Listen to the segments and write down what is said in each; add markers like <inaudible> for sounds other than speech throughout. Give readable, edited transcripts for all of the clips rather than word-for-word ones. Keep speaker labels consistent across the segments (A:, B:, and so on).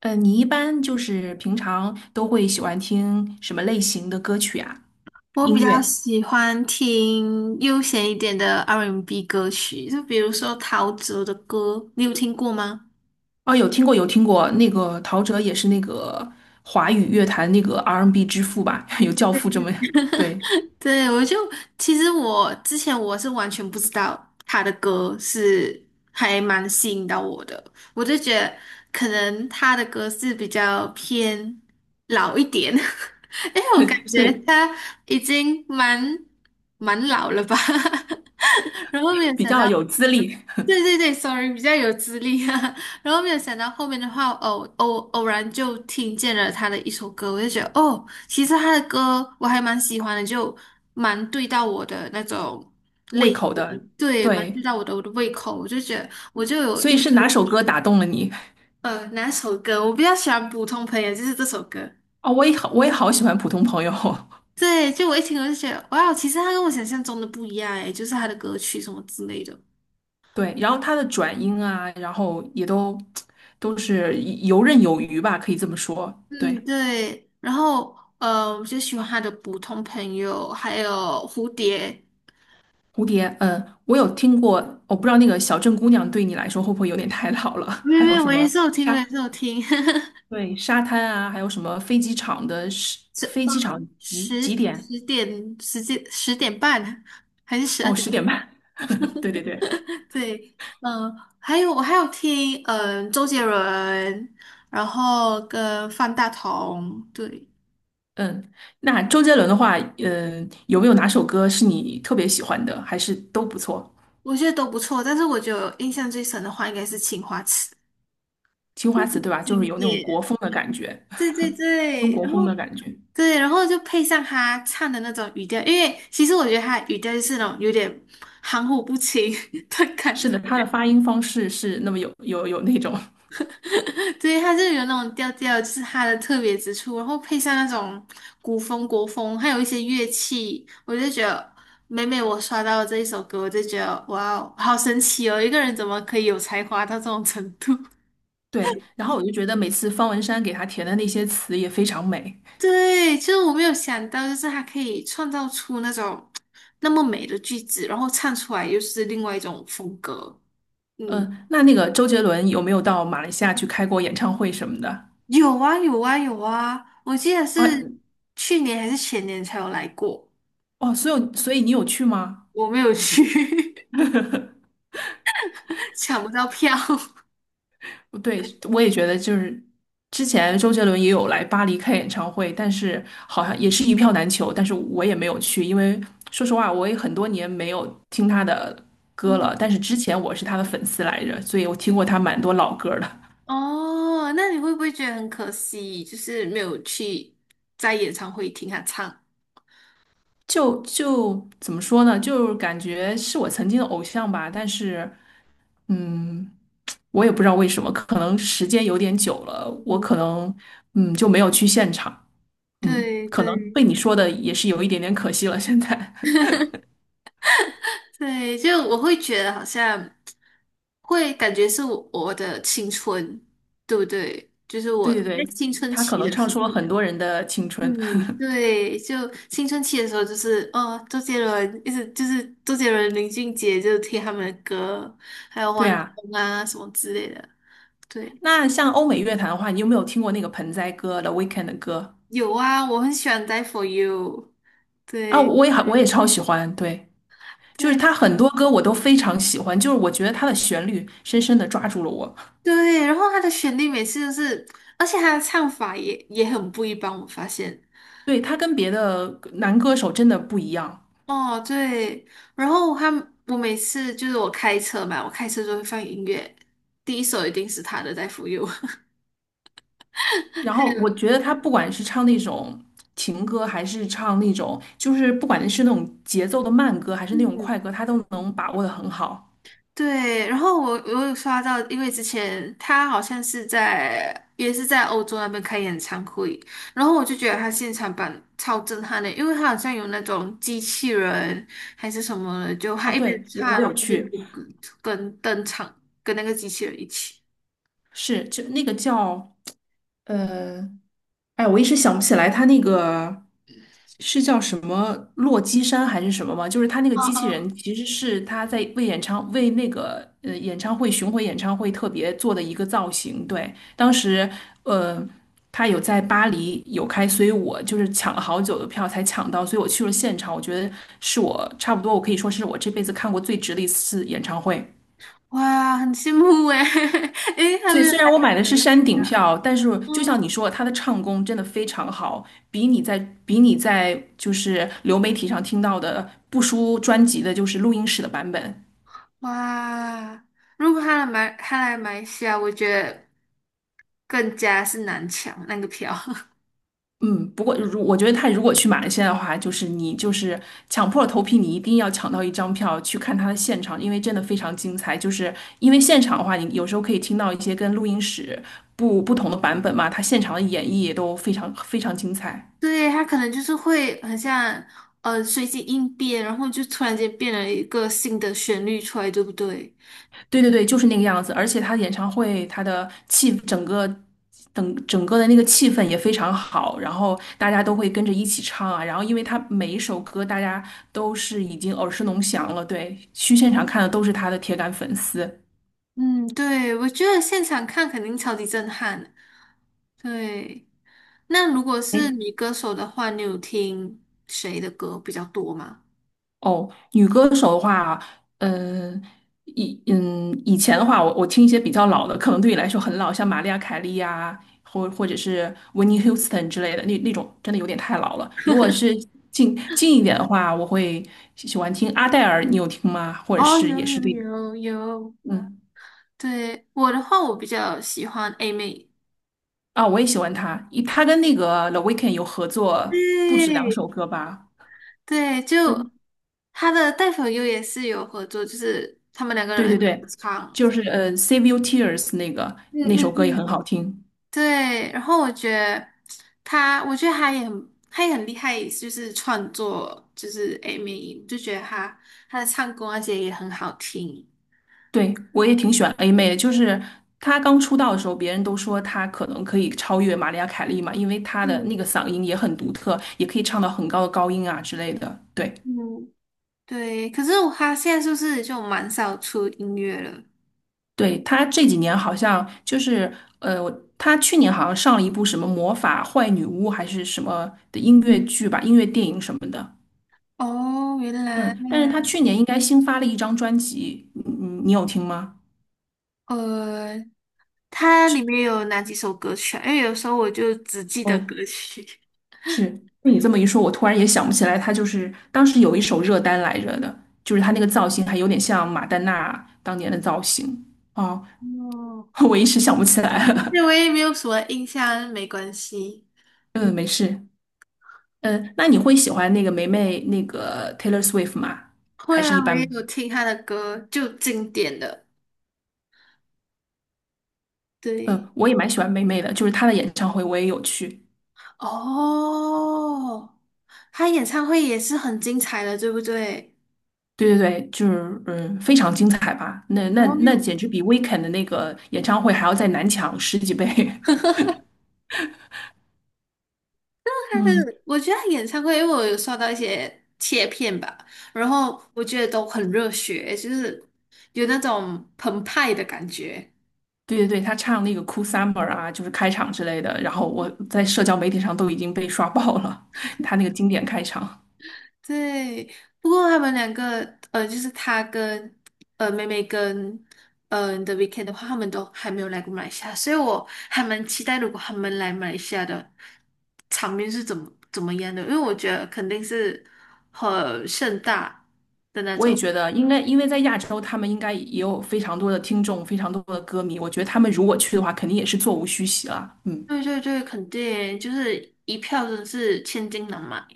A: 你一般就是平常都会喜欢听什么类型的歌曲啊？
B: 我比
A: 音
B: 较
A: 乐？
B: 喜欢听悠闲一点的 R&B 歌曲，就比如说陶喆的歌，你有听过吗？
A: 哦，有听过，有听过。那个陶喆也是那个华语乐坛那个 R&B 之父吧？<laughs> 有教父这么，对，
B: <laughs> 对，其实我之前我是完全不知道他的歌是还蛮吸引到我的，我就觉得可能他的歌是比较偏老一点。<laughs> 因为我感
A: <laughs>
B: 觉
A: 对，
B: 他已经蛮老了吧。<laughs> 然后没有
A: 比
B: 想
A: 较
B: 到
A: 有资历、
B: 对对对，sorry，比较有资历啊。<laughs> 然后没有想到后面的话，偶然就听见了他的一首歌，我就觉得哦，其实他的歌我还蛮喜欢的，就蛮对到我的那种
A: 胃
B: 类型。
A: 口的。
B: 对，蛮对
A: 对，
B: 到我的胃口。我就觉得我就有
A: 所以
B: 一
A: 是
B: 见。
A: 哪首歌打动了你？
B: 哪首歌我比较喜欢《普通朋友》，就是这首歌。
A: 哦，我也好喜欢《普通朋友》。
B: 对，就我一听我就觉得，哇哦，其实他跟我想象中的不一样诶，就是他的歌曲什么之类的。
A: <laughs> 对，然后他的转音啊，然后也都 <tsk> 都是游刃有余吧，可以这么说。
B: 嗯，
A: 对。
B: 对。然后我就喜欢他的普通朋友，还有蝴蝶。
A: 蝴蝶，嗯，我有听过，我不知道那个小镇姑娘对你来说会不会有点太老了？<laughs>
B: 没有
A: 还
B: 没
A: 有
B: 有，
A: 什
B: 我也
A: 么
B: 是有听，我
A: 沙，
B: 也是有听。<laughs>
A: 对，沙滩啊，还有什么飞机场的时，
B: 十
A: 飞
B: 呃
A: 机场几
B: 十
A: 点？
B: 十点十点十点半还是十二
A: 哦，
B: 点？
A: 十点半。<laughs> 对对对，
B: 对，嗯、还有我还有听周杰伦，然后跟方大同。对，
A: 嗯，那周杰伦的话，嗯，有没有哪首歌是你特别喜欢的？还是都不错？
B: 我觉得都不错。但是我觉得印象最深的话应该是《青花瓷》，
A: 青
B: 这
A: 花瓷，
B: 很
A: 对吧？就是
B: 经
A: 有那种国
B: 典。
A: 风的感觉，
B: 对对
A: 中
B: 对，
A: 国
B: 然
A: 风的
B: 后
A: 感觉。
B: 对，然后就配上他唱的那种语调，因为其实我觉得他的语调就是那种有点含糊不清 <laughs> 的
A: 是
B: 感
A: 的，他
B: 觉。
A: 的发音方式是那么有那种。
B: 对，他就有那种调调，就是他的特别之处，然后配上那种古风、国风，还有一些乐器，我就觉得每每我刷到这一首歌，我就觉得哇哦，好神奇哦，一个人怎么可以有才华到这种程度？<laughs>
A: <laughs> 对，然后我就觉得每次方文山给他填的那些词也非常美。
B: 对，就是我没有想到，就是他可以创造出那种那么美的句子，然后唱出来又是另外一种风格。嗯。
A: 嗯，那个周杰伦有没有到马来西亚去开过演唱会什么的？
B: 有啊，有啊，有啊！我记得是
A: 啊，
B: 去年还是前年才有来过。
A: 哦，所以你有去吗？
B: 我没有去。
A: <laughs>
B: <laughs> 抢不到票。<laughs>
A: 对，我也觉得就是之前周杰伦也有来巴黎开演唱会，但是好像也是一票难求，但是我也没有去，因为说实话，我也很多年没有听他的歌了，但是之前我是他的粉丝来着，所以我听过他蛮多老歌的。
B: 哦，那你会不会觉得很可惜，就是没有去在演唱会听他唱？
A: 就怎么说呢？就是感觉是我曾经的偶像吧，但是嗯。我也不知道为什么，可能时间有点久了，我可能就没有去现场，嗯，
B: 对
A: 可能
B: 对
A: 被你说的也是有一点点可惜了。现在，
B: 对，就我会觉得好像会感觉是我的青春，对不对？就是
A: <laughs>
B: 我
A: 对对
B: 在
A: 对，
B: 青春
A: 他可
B: 期
A: 能
B: 的
A: 唱
B: 时
A: 出了
B: 候。
A: 很多人的青春。
B: 嗯，对，就青春期的时候，就是哦，周杰伦一直就是周杰伦、林俊杰，就是听他们的歌，还有
A: <laughs> 对
B: 王力
A: 啊，
B: 宏啊什么之类的。对，
A: 那像欧美乐坛的话，你有没有听过那个盆栽哥的 Weeknd 的歌
B: 有啊，我很喜欢《Die for You》。
A: 啊？
B: 对，
A: 我也超喜欢，对，就是
B: 对，
A: 他很多歌我都非常喜欢，就是我觉得他的旋律深深的抓住了我。
B: 对，然后他的旋律每次都是，而且他的唱法也很不一般，我发现。
A: 对，他跟别的男歌手真的不一样。
B: 哦，对，然后我每次就是我开车嘛，我开车就会放音乐，第一首一定是他的《Die for You》。<laughs>
A: 然
B: 还
A: 后
B: 有。
A: 我觉得他不管是唱那种情歌，还是唱那种，就是不管是那种节奏的慢歌，还是那种
B: 嗯。
A: 快歌，他都能把握的很好。
B: 对，然后我有刷到，因为之前他好像也是在欧洲那边开演唱会，然后我就觉得他现场版超震撼的，因为他好像有那种机器人还是什么的，就他
A: 哦，
B: 一边
A: 对，我
B: 唱，
A: 我
B: 然
A: 有
B: 后就一
A: 去，
B: 边跟登场，跟那个机器人一起。
A: 是就那个叫呃哎，我一时想不起来他那个是叫什么洛基山还是什么吗？就是他那个
B: 嗯
A: 机器人
B: 嗯，
A: 其实是他在为那个演唱会巡回演唱会特别做的一个造型。对，当时呃他有在巴黎有开，所以我就是抢了好久的票才抢到，所以我去了现场，我觉得是我差不多我可以说是我这辈子看过最值的一次演唱会。
B: 哇，很羡慕诶。<laughs> 诶，他
A: 所以
B: 没有
A: 虽然我
B: 来过
A: 买
B: 马
A: 的是
B: 来西
A: 山顶
B: 亚。
A: 票，但是就像你
B: 嗯，
A: 说，他的唱功真的非常好，比你在比你在就是流媒体上听到的不输专辑的，就是录音室的版本。
B: 哇，如果他来马来西亚，我觉得更加是难抢那个票。
A: 嗯，不过我觉得他如果去马来西亚的话，就是你就是抢破头皮，你一定要抢到一张票去看他的现场，因为真的非常精彩。就是因为现场的话，你有时候可以听到一些跟录音室不同的版本嘛，他现场的演绎也都非常非常精彩。
B: 对，他可能就是会很像随机应变，然后就突然间变了一个新的旋律出来，对不对？
A: 对对对，就是那个样子。而且他演唱会，他的气整个等整个的那个气氛也非常好，然后大家都会跟着一起唱啊。然后因为他每一首歌大家都是已经耳熟能详了，对，去现场看的都是他的铁杆粉丝。
B: 嗯，对，我觉得现场看肯定超级震撼。对，那如果是女歌手的话，你有听谁的歌比较多吗？
A: 哦，女歌手的话，嗯，以前的话，我听一些比较老的，可能对你来说很老，像玛丽亚凯莉呀、或者是 w 尼· i t n Houston 之类的，那种真的有点太老了。如果是近一点的话，我会喜欢听阿黛尔，你有听吗？或者
B: 哦，
A: 是
B: 有
A: 也是
B: 有
A: 对，
B: 有有。
A: 嗯
B: 对，我的话，我比较喜欢 A 妹。
A: 啊，我也喜欢她，她跟那个 The Weeknd 有合作不止两
B: 对
A: 首歌吧，
B: 对，就
A: 都
B: 她的《带粉优》也是有合作，就是他们两个
A: 对对
B: 人合
A: 对，
B: 唱。
A: 就是Save Your Tears 那个
B: 嗯
A: 那
B: 嗯
A: 首歌也很
B: 嗯。
A: 好听。
B: 对，然后我觉得他，我觉得他也很，他也很厉害，就是创作，就是 a m 音就觉得他的唱功那些也很好听。
A: 对，我也挺喜欢 A 妹的，就是她刚出道的时候，别人都说她可能可以超越玛利亚·凯莉嘛，因为她的那个
B: 嗯
A: 嗓音也很独特，也可以唱到很高的高音啊之类的。对，
B: 嗯，对，可是他现在是不是就蛮少出音乐了？
A: 对，她这几年好像就是呃，我她去年好像上了一部什么魔法坏女巫还是什么的音乐剧吧，音乐电影什么的。
B: 哦，原来。
A: 嗯，但是她去年应该新发了一张专辑，你有听吗？
B: 呃，它里面有哪几首歌曲啊？因为有时候我就只记得歌
A: 哦。
B: 曲。
A: 是，被你这么一说，我突然也想不起来，他就是当时有一首热单来着的，就是他那个造型还有点像马丹娜当年的造型哦，
B: 哦，
A: <laughs> 我一时想不起来
B: 对，
A: 了。
B: 我也没有什么印象，没关系。
A: <laughs> 嗯，没事。嗯，那你会喜欢那个霉霉那个 Taylor Swift 吗？
B: 会
A: 还是一
B: 啊，我也
A: 般？
B: 有听他的歌，就经典的。对，
A: 嗯，我也蛮喜欢霉霉的，就是她的演唱会我也有去。
B: 哦，他演唱会也是很精彩的，对不对？
A: 对对对，就是嗯，非常精彩吧？那那
B: 然后
A: 那
B: 又
A: 简直比 Weekend 的那个演唱会还要再难抢十几倍。<laughs>
B: 他
A: 嗯，
B: 的，我觉得他演唱会，因为我有刷到一些切片吧，然后我觉得都很热血，就是有那种澎湃的感觉。
A: 对对对，他唱那个《Cool Summer》啊，就是开场之类的，然后我在社交媒体上都已经被刷爆了，<laughs> 他那个经典开场。
B: 对，不过他们两个，就是他跟妹妹跟The Weeknd 的话，他们都还没有来过马来西亚，所以我还蛮期待如果他们来马来西亚的场面是怎么样的，因为我觉得肯定是很盛大。
A: 我也觉得应该，因为在亚洲，他们应该也有非常多的听众，非常多的歌迷。我觉得他们如果去的话，肯定也是座无虚席了。嗯
B: 对对对，肯定就是一票真的是千金难买。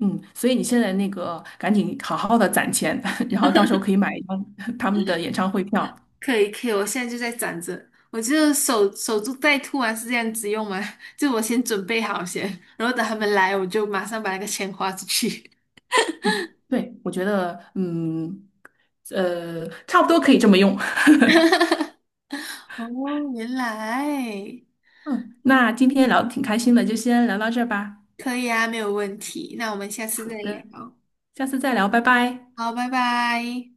A: 嗯，所以你现在那个赶紧好好的攒钱，<laughs> 然后到时候可以买一张 <laughs> 他们的演唱会票。
B: 可以可以，我现在就在攒着。我就守株待兔啊，是这样子用吗？<laughs> 就我先准备好先，然后等他们来，我就马上把那个钱花出去。
A: 对，我觉得，嗯，差不多可以这么用。
B: <laughs> 哦，原来
A: <laughs> 嗯，那今天聊的挺开心的，就先聊到这儿吧。
B: 可以啊，没有问题。那我们下次
A: 好
B: 再
A: 的。
B: 聊。
A: 下次再聊，拜拜。
B: 好，拜拜。